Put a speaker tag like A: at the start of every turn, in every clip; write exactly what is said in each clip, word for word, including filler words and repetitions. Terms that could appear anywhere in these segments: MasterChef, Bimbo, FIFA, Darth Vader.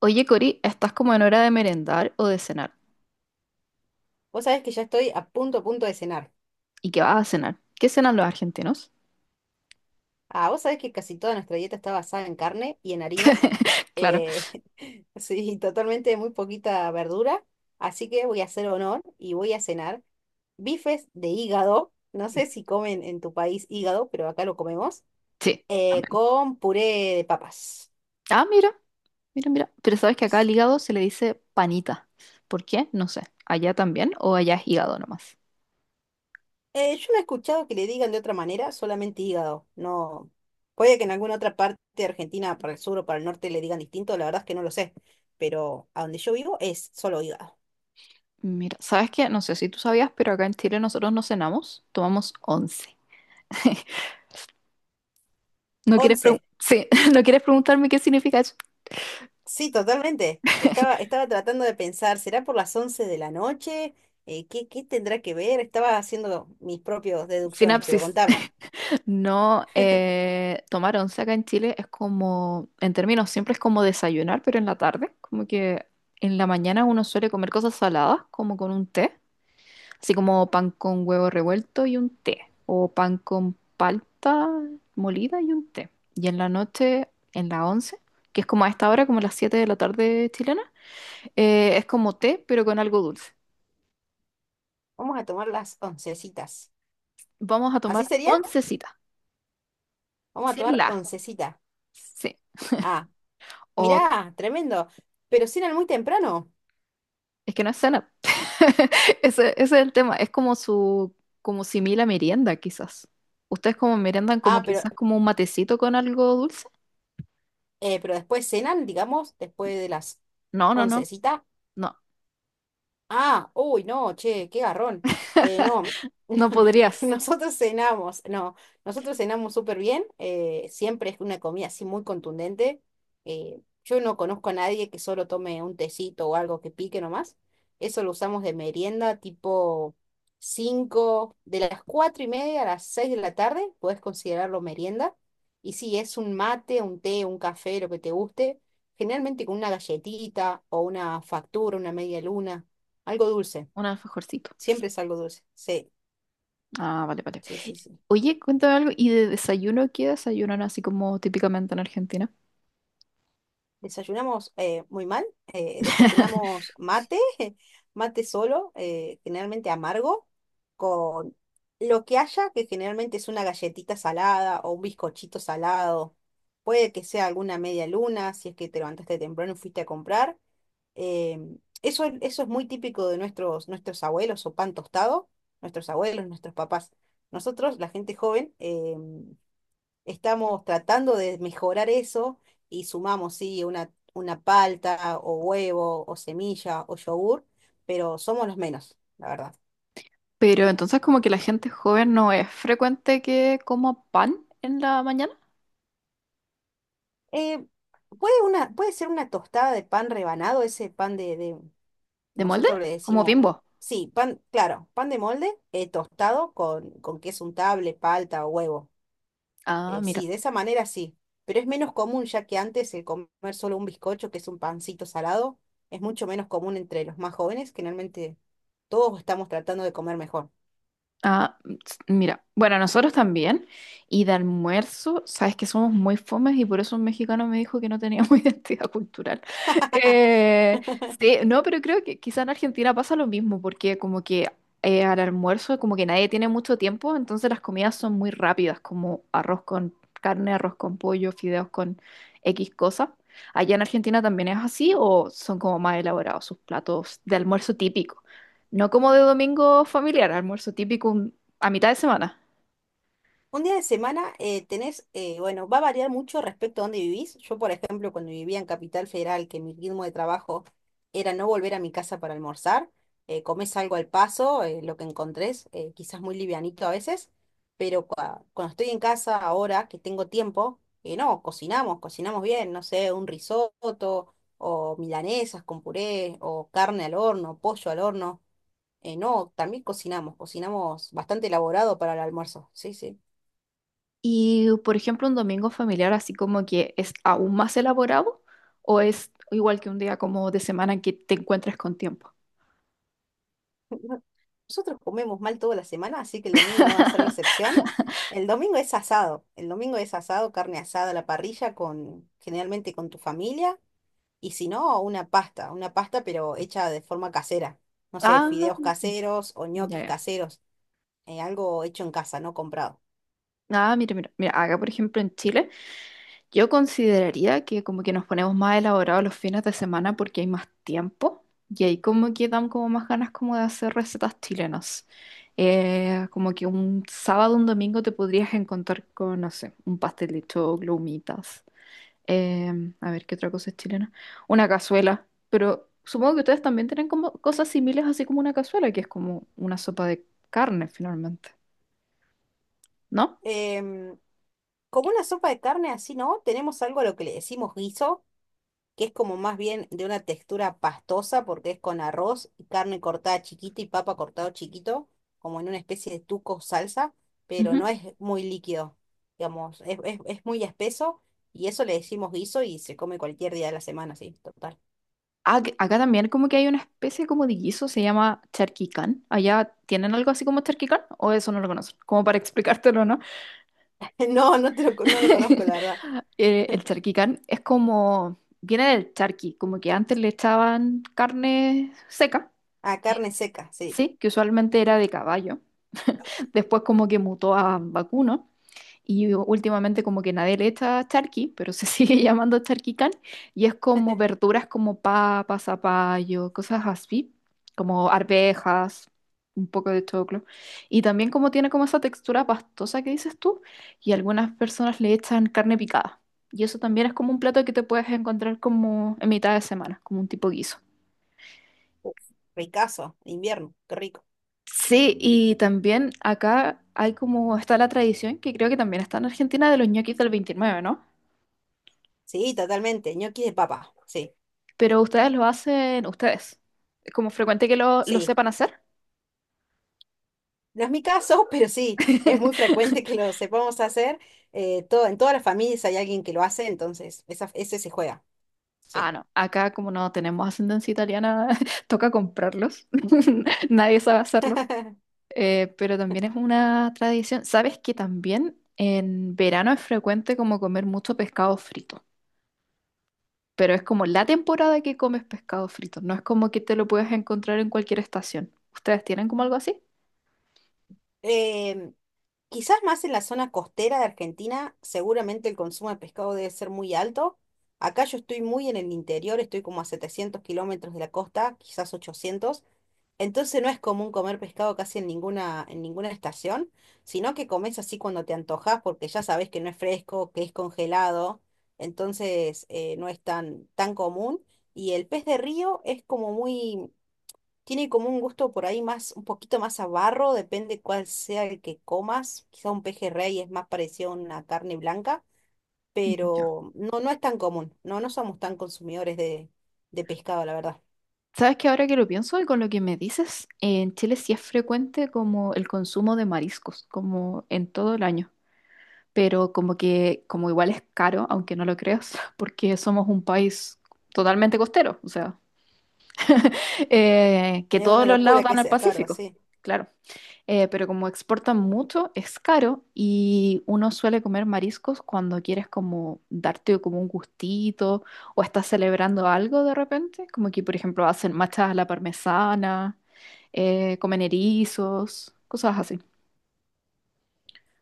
A: Oye, Cori, estás como en hora de merendar o de cenar.
B: Vos sabés que ya estoy a punto, a punto de cenar.
A: ¿Y qué vas a cenar? ¿Qué cenan los argentinos?
B: Ah, vos sabés que casi toda nuestra dieta está basada en carne y en harinas.
A: Claro,
B: Eh, sí, totalmente muy poquita verdura. Así que voy a hacer honor y voy a cenar bifes de hígado. No sé si comen en tu país hígado, pero acá lo comemos.
A: sí,
B: Eh,
A: también.
B: con puré de papas.
A: Ah, mira, mira, mira. Pero sabes que acá al hígado se le dice panita. ¿Por qué? No sé. ¿Allá también o allá es hígado nomás?
B: Eh, yo no he escuchado que le digan de otra manera, solamente hígado. No, puede que en alguna otra parte de Argentina, para el sur o para el norte, le digan distinto, la verdad es que no lo sé. Pero a donde yo vivo es solo hígado.
A: Mira, sabes que no sé si tú sabías, pero acá en Chile nosotros no cenamos, tomamos once. ¿No quieres pregun-
B: Once.
A: Sí. ¿No quieres preguntarme qué significa eso?
B: Sí, totalmente. Estaba, estaba tratando de pensar, ¿será por las once de la noche? Eh, ¿qué, qué tendrá que ver? Estaba haciendo mis propias deducciones, pero
A: Sinapsis.
B: contame.
A: No, eh, tomar once acá en Chile es como, en términos siempre es como desayunar, pero en la tarde, como que en la mañana uno suele comer cosas saladas, como con un té, así como pan con huevo revuelto y un té, o pan con palta molida y un té. Y en la noche, en la once, que es como a esta hora, como las siete de la tarde chilena, eh, es como té, pero con algo dulce.
B: Vamos a tomar las oncecitas.
A: Vamos a
B: ¿Así
A: tomar
B: sería?
A: oncecita,
B: Vamos a
A: sin
B: tomar
A: la.
B: oncecita.
A: Sí.
B: Ah,
A: O
B: mirá, tremendo. Pero cenan muy temprano.
A: Es que no es cena. Ese, ese es el tema. Es como su, como simil a merienda, quizás. ¿Ustedes como meriendan como
B: Ah, pero
A: quizás como un matecito con algo dulce?
B: Eh, pero después cenan, digamos, después de las
A: No, no, no.
B: oncecita.
A: No,
B: Ah, uy, no, che, qué garrón. Eh, no,
A: no podrías.
B: nosotros cenamos, no, nosotros cenamos súper bien, eh, siempre es una comida así muy contundente. Eh, yo no conozco a nadie que solo tome un tecito o algo que pique nomás. Eso lo usamos de merienda tipo cinco, de las cuatro y media a las seis de la tarde, puedes considerarlo merienda. Y sí, es un mate, un té, un café, lo que te guste, generalmente con una galletita o una factura, una media luna, algo dulce,
A: Un alfajorcito.
B: siempre es algo dulce. Sí,
A: Ah, vale, vale.
B: sí, sí, sí.
A: Oye, cuéntame algo. ¿Y de desayuno qué desayunan así como típicamente en Argentina?
B: Desayunamos eh, muy mal, eh, desayunamos mate, mate solo, eh, generalmente amargo, con lo que haya, que generalmente es una galletita salada o un bizcochito salado. Puede que sea alguna media luna, si es que te levantaste temprano y fuiste a comprar. Em, eso, es- eso es muy típico de nuestros, nuestros abuelos o pan tostado, nuestros abuelos, nuestros papás. Nosotros, la gente joven, em, estamos tratando de mejorar eso y sumamos, sí, una, una palta o huevo o semilla o yogur, pero somos los menos, la verdad.
A: Pero entonces como que la gente joven no es frecuente que coma pan en la mañana.
B: Eh, ¿puede una, puede ser una tostada de pan rebanado, ese pan de, de-
A: ¿De molde?
B: nosotros le
A: Como
B: decimos,
A: Bimbo.
B: sí, pan, claro, pan de molde, eh, tostado con, con queso untable, palta o huevo.
A: Ah,
B: Eh,
A: mira.
B: sí, de esa manera sí, pero es menos común ya que antes el comer solo un bizcocho, que es un pancito salado, es mucho menos común entre los más jóvenes, que realmente todos estamos tratando de comer mejor.
A: Ah, ts- mira, bueno, nosotros también. Y de almuerzo, sabes que somos muy fomes y por eso un mexicano me dijo que no teníamos identidad cultural. Eh, sí, no, pero creo que quizá en Argentina pasa lo mismo, porque como que eh, al almuerzo como que nadie tiene mucho tiempo, entonces las comidas son muy rápidas, como arroz con carne, arroz con pollo, fideos con X cosas. ¿Allá en Argentina también es así o son como más elaborados sus platos de almuerzo típicos? No como de domingo familiar, almuerzo típico un- a mitad de semana.
B: Un día de semana eh, tenés, eh, bueno, va a variar mucho respecto a dónde vivís. Yo, por ejemplo, cuando vivía en Capital Federal, que mi ritmo de trabajo era no volver a mi casa para almorzar, eh, comés algo al paso, eh, lo que encontrés, eh, quizás muy livianito a veces, pero cua- cuando estoy en casa ahora, que tengo tiempo, eh, no, cocinamos, cocinamos bien, no sé, un risotto o milanesas con puré o carne al horno, pollo al horno. Eh, no, también cocinamos, cocinamos bastante elaborado para el almuerzo, sí, sí.
A: Y, por ejemplo, un domingo familiar así como que es aún más elaborado o es igual que un día como de semana en que te encuentres con tiempo.
B: No, nosotros comemos mal toda la semana, así que el domingo no va a ser la excepción. El domingo es asado. El domingo es asado, carne asada a la parrilla con generalmente con tu familia y si no, una pasta, una pasta pero hecha de forma casera. No sé,
A: Ah,
B: fideos caseros o
A: ya,
B: ñoquis
A: ya.
B: caseros, eh, algo hecho en casa, no comprado.
A: Ah, mira, mira, mira, acá por ejemplo en Chile. Yo consideraría que como que nos ponemos más elaborados los fines de semana porque hay más tiempo y ahí como que dan como más ganas como de hacer recetas chilenas. Eh, como que un sábado, un domingo te podrías encontrar con, no sé, un pastel de choclo, humitas. Eh, a ver, ¿qué otra cosa es chilena? Una cazuela. Pero supongo que ustedes también tienen como cosas similares así como una cazuela, que es como una sopa de carne finalmente, ¿no?
B: Em, Como una sopa de carne así, ¿no? Tenemos algo a lo que le decimos guiso, que es como más bien de una textura pastosa porque es con arroz y carne cortada chiquita y papa cortado chiquito, como en una especie de tuco salsa, pero no es muy líquido, digamos, es, es, es muy espeso, y eso le decimos guiso y se come cualquier día de la semana, sí, total.
A: Ac- acá también como que hay una especie como de guiso, se llama charquicán. ¿Allá tienen algo así como charquicán? ¿O eso no lo conocen? Como para explicártelo, ¿no?
B: No, no te lo, co- no lo conozco, la verdad.
A: Eh, el charquicán es como, viene del charqui, como que antes le echaban carne seca,
B: Ah, carne seca, sí.
A: sí, que usualmente era de caballo. Después como que mutó a vacuno. Y últimamente como que nadie le echa charqui, pero se sigue llamando charquicán. Y es como verduras como papas zapallo, cosas así, como arvejas, un poco de choclo. Y también como tiene como esa textura pastosa que dices tú. Y algunas personas le echan carne picada. Y eso también es como un plato que te puedes encontrar como en mitad de semana, como un tipo guiso.
B: Uf, ricazo, de invierno, qué rico.
A: Sí, y también acá hay como está la tradición, que creo que también está en Argentina, de los ñoquis del veintinueve, ¿no?
B: Sí, totalmente, ñoquis de papa, sí,
A: Pero ustedes lo hacen ustedes. ¿Es como frecuente que lo, lo
B: sí.
A: sepan hacer?
B: No es mi caso, pero sí, es muy frecuente que lo sepamos hacer. Eh, todo, en todas las familias hay alguien que lo hace, entonces esa, ese se juega. Sí.
A: Ah, no. Acá como no tenemos ascendencia italiana, toca comprarlos. Nadie sabe hacerlos. Eh, pero también es una tradición. ¿Sabes que también en verano es frecuente como comer mucho pescado frito? Pero es como la temporada que comes pescado frito. No es como que te lo puedes encontrar en cualquier estación. ¿Ustedes tienen como algo así?
B: Em, Quizás más en la zona costera de Argentina, seguramente el consumo de pescado debe ser muy alto. Acá yo estoy muy en el interior, estoy como a setecientos kilómetros de la costa, quizás ochocientos. Entonces no es común comer pescado casi en ninguna, en ninguna estación, sino que comes así cuando te antojas porque ya sabes que no es fresco, que es congelado, entonces eh, no es tan, tan común. Y el pez de río es como muy, tiene como un gusto por ahí más, un poquito más a barro, depende cuál sea el que comas. Quizá un pejerrey es más parecido a una carne blanca, pero no, no es tan común. No, no somos tan consumidores de, de pescado, la verdad.
A: Sabes que ahora que lo pienso y con lo que me dices, en Chile sí es frecuente como el consumo de mariscos, como en todo el año, pero como que como igual es caro, aunque no lo creas, porque somos un país totalmente costero, o sea, eh, que
B: Es
A: todos
B: una
A: los lados
B: locura que
A: dan al
B: sea caro,
A: Pacífico,
B: sí.
A: claro. Eh, pero como exportan mucho, es caro y uno suele comer mariscos cuando quieres como darte como un gustito o estás celebrando algo de repente, como que por ejemplo hacen machas a la parmesana, eh, comen erizos, cosas así.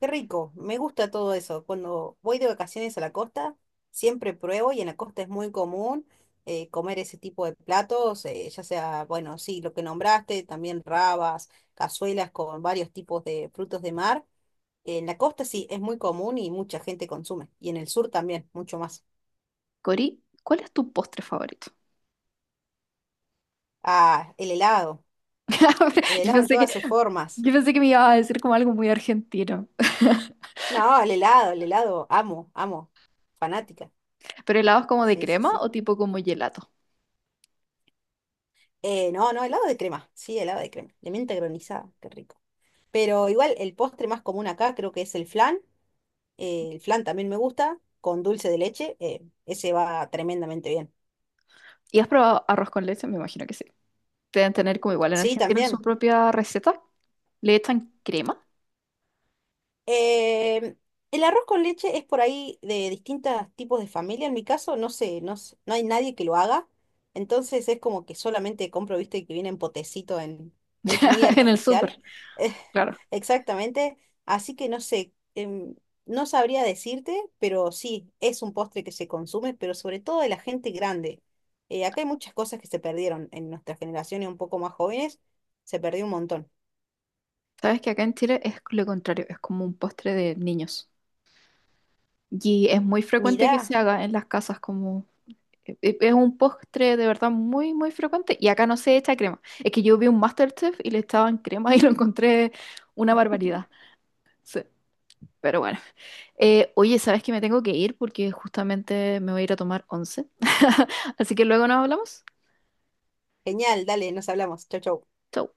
B: Qué rico, me gusta todo eso. Cuando voy de vacaciones a la costa, siempre pruebo y en la costa es muy común eh, comer ese tipo de platos, eh, ya sea, bueno, sí, lo que nombraste, también rabas, cazuelas con varios tipos de frutos de mar. En la costa sí, es muy común y mucha gente consume. Y en el sur también, mucho más.
A: Cori, ¿cuál es tu postre favorito?
B: Ah, el helado, el
A: Yo
B: helado en
A: pensé que,
B: todas sus formas.
A: yo pensé que me ibas a decir como algo muy argentino.
B: No, el helado, el helado, amo, amo, fanática.
A: ¿Pero helados como de
B: Sí, sí,
A: crema
B: sí.
A: o tipo como gelato?
B: Eh, no, no, helado de crema, sí, helado de crema, de menta granizada, qué rico. Pero igual el postre más común acá creo que es el flan, eh, el flan también me gusta, con dulce de leche, eh, ese va tremendamente bien.
A: ¿Y has probado arroz con leche? Me imagino que sí. Deben tener como igual en
B: Sí,
A: Argentina su
B: también.
A: propia receta. Le echan crema
B: Eh, el arroz con leche es por ahí de distintos tipos de familia. En mi caso, no sé, no, s- no hay nadie que lo haga. Entonces es como que solamente compro, viste, que viene en potecito, en, muy, muy
A: en el
B: artificial.
A: súper,
B: Eh,
A: claro.
B: exactamente. Así que no sé, em, no sabría decirte, pero sí, es un postre que se consume, pero sobre todo de la gente grande. Eh, acá hay muchas cosas que se perdieron en nuestra generación y un poco más jóvenes. Se perdió un montón.
A: Sabes que acá en Chile es lo contrario, es como un postre de niños. Y es muy frecuente que se
B: Mirá,
A: haga en las casas como... e- e- Es un postre de verdad muy, muy frecuente y acá no se echa crema. Es que yo vi un MasterChef y le echaban crema y lo encontré una barbaridad. Sí, pero bueno. Eh, oye, ¿sabes que me tengo que ir porque justamente me voy a ir a tomar once? Así que luego nos hablamos.
B: genial, dale, nos hablamos. Chau, chau.
A: Chau.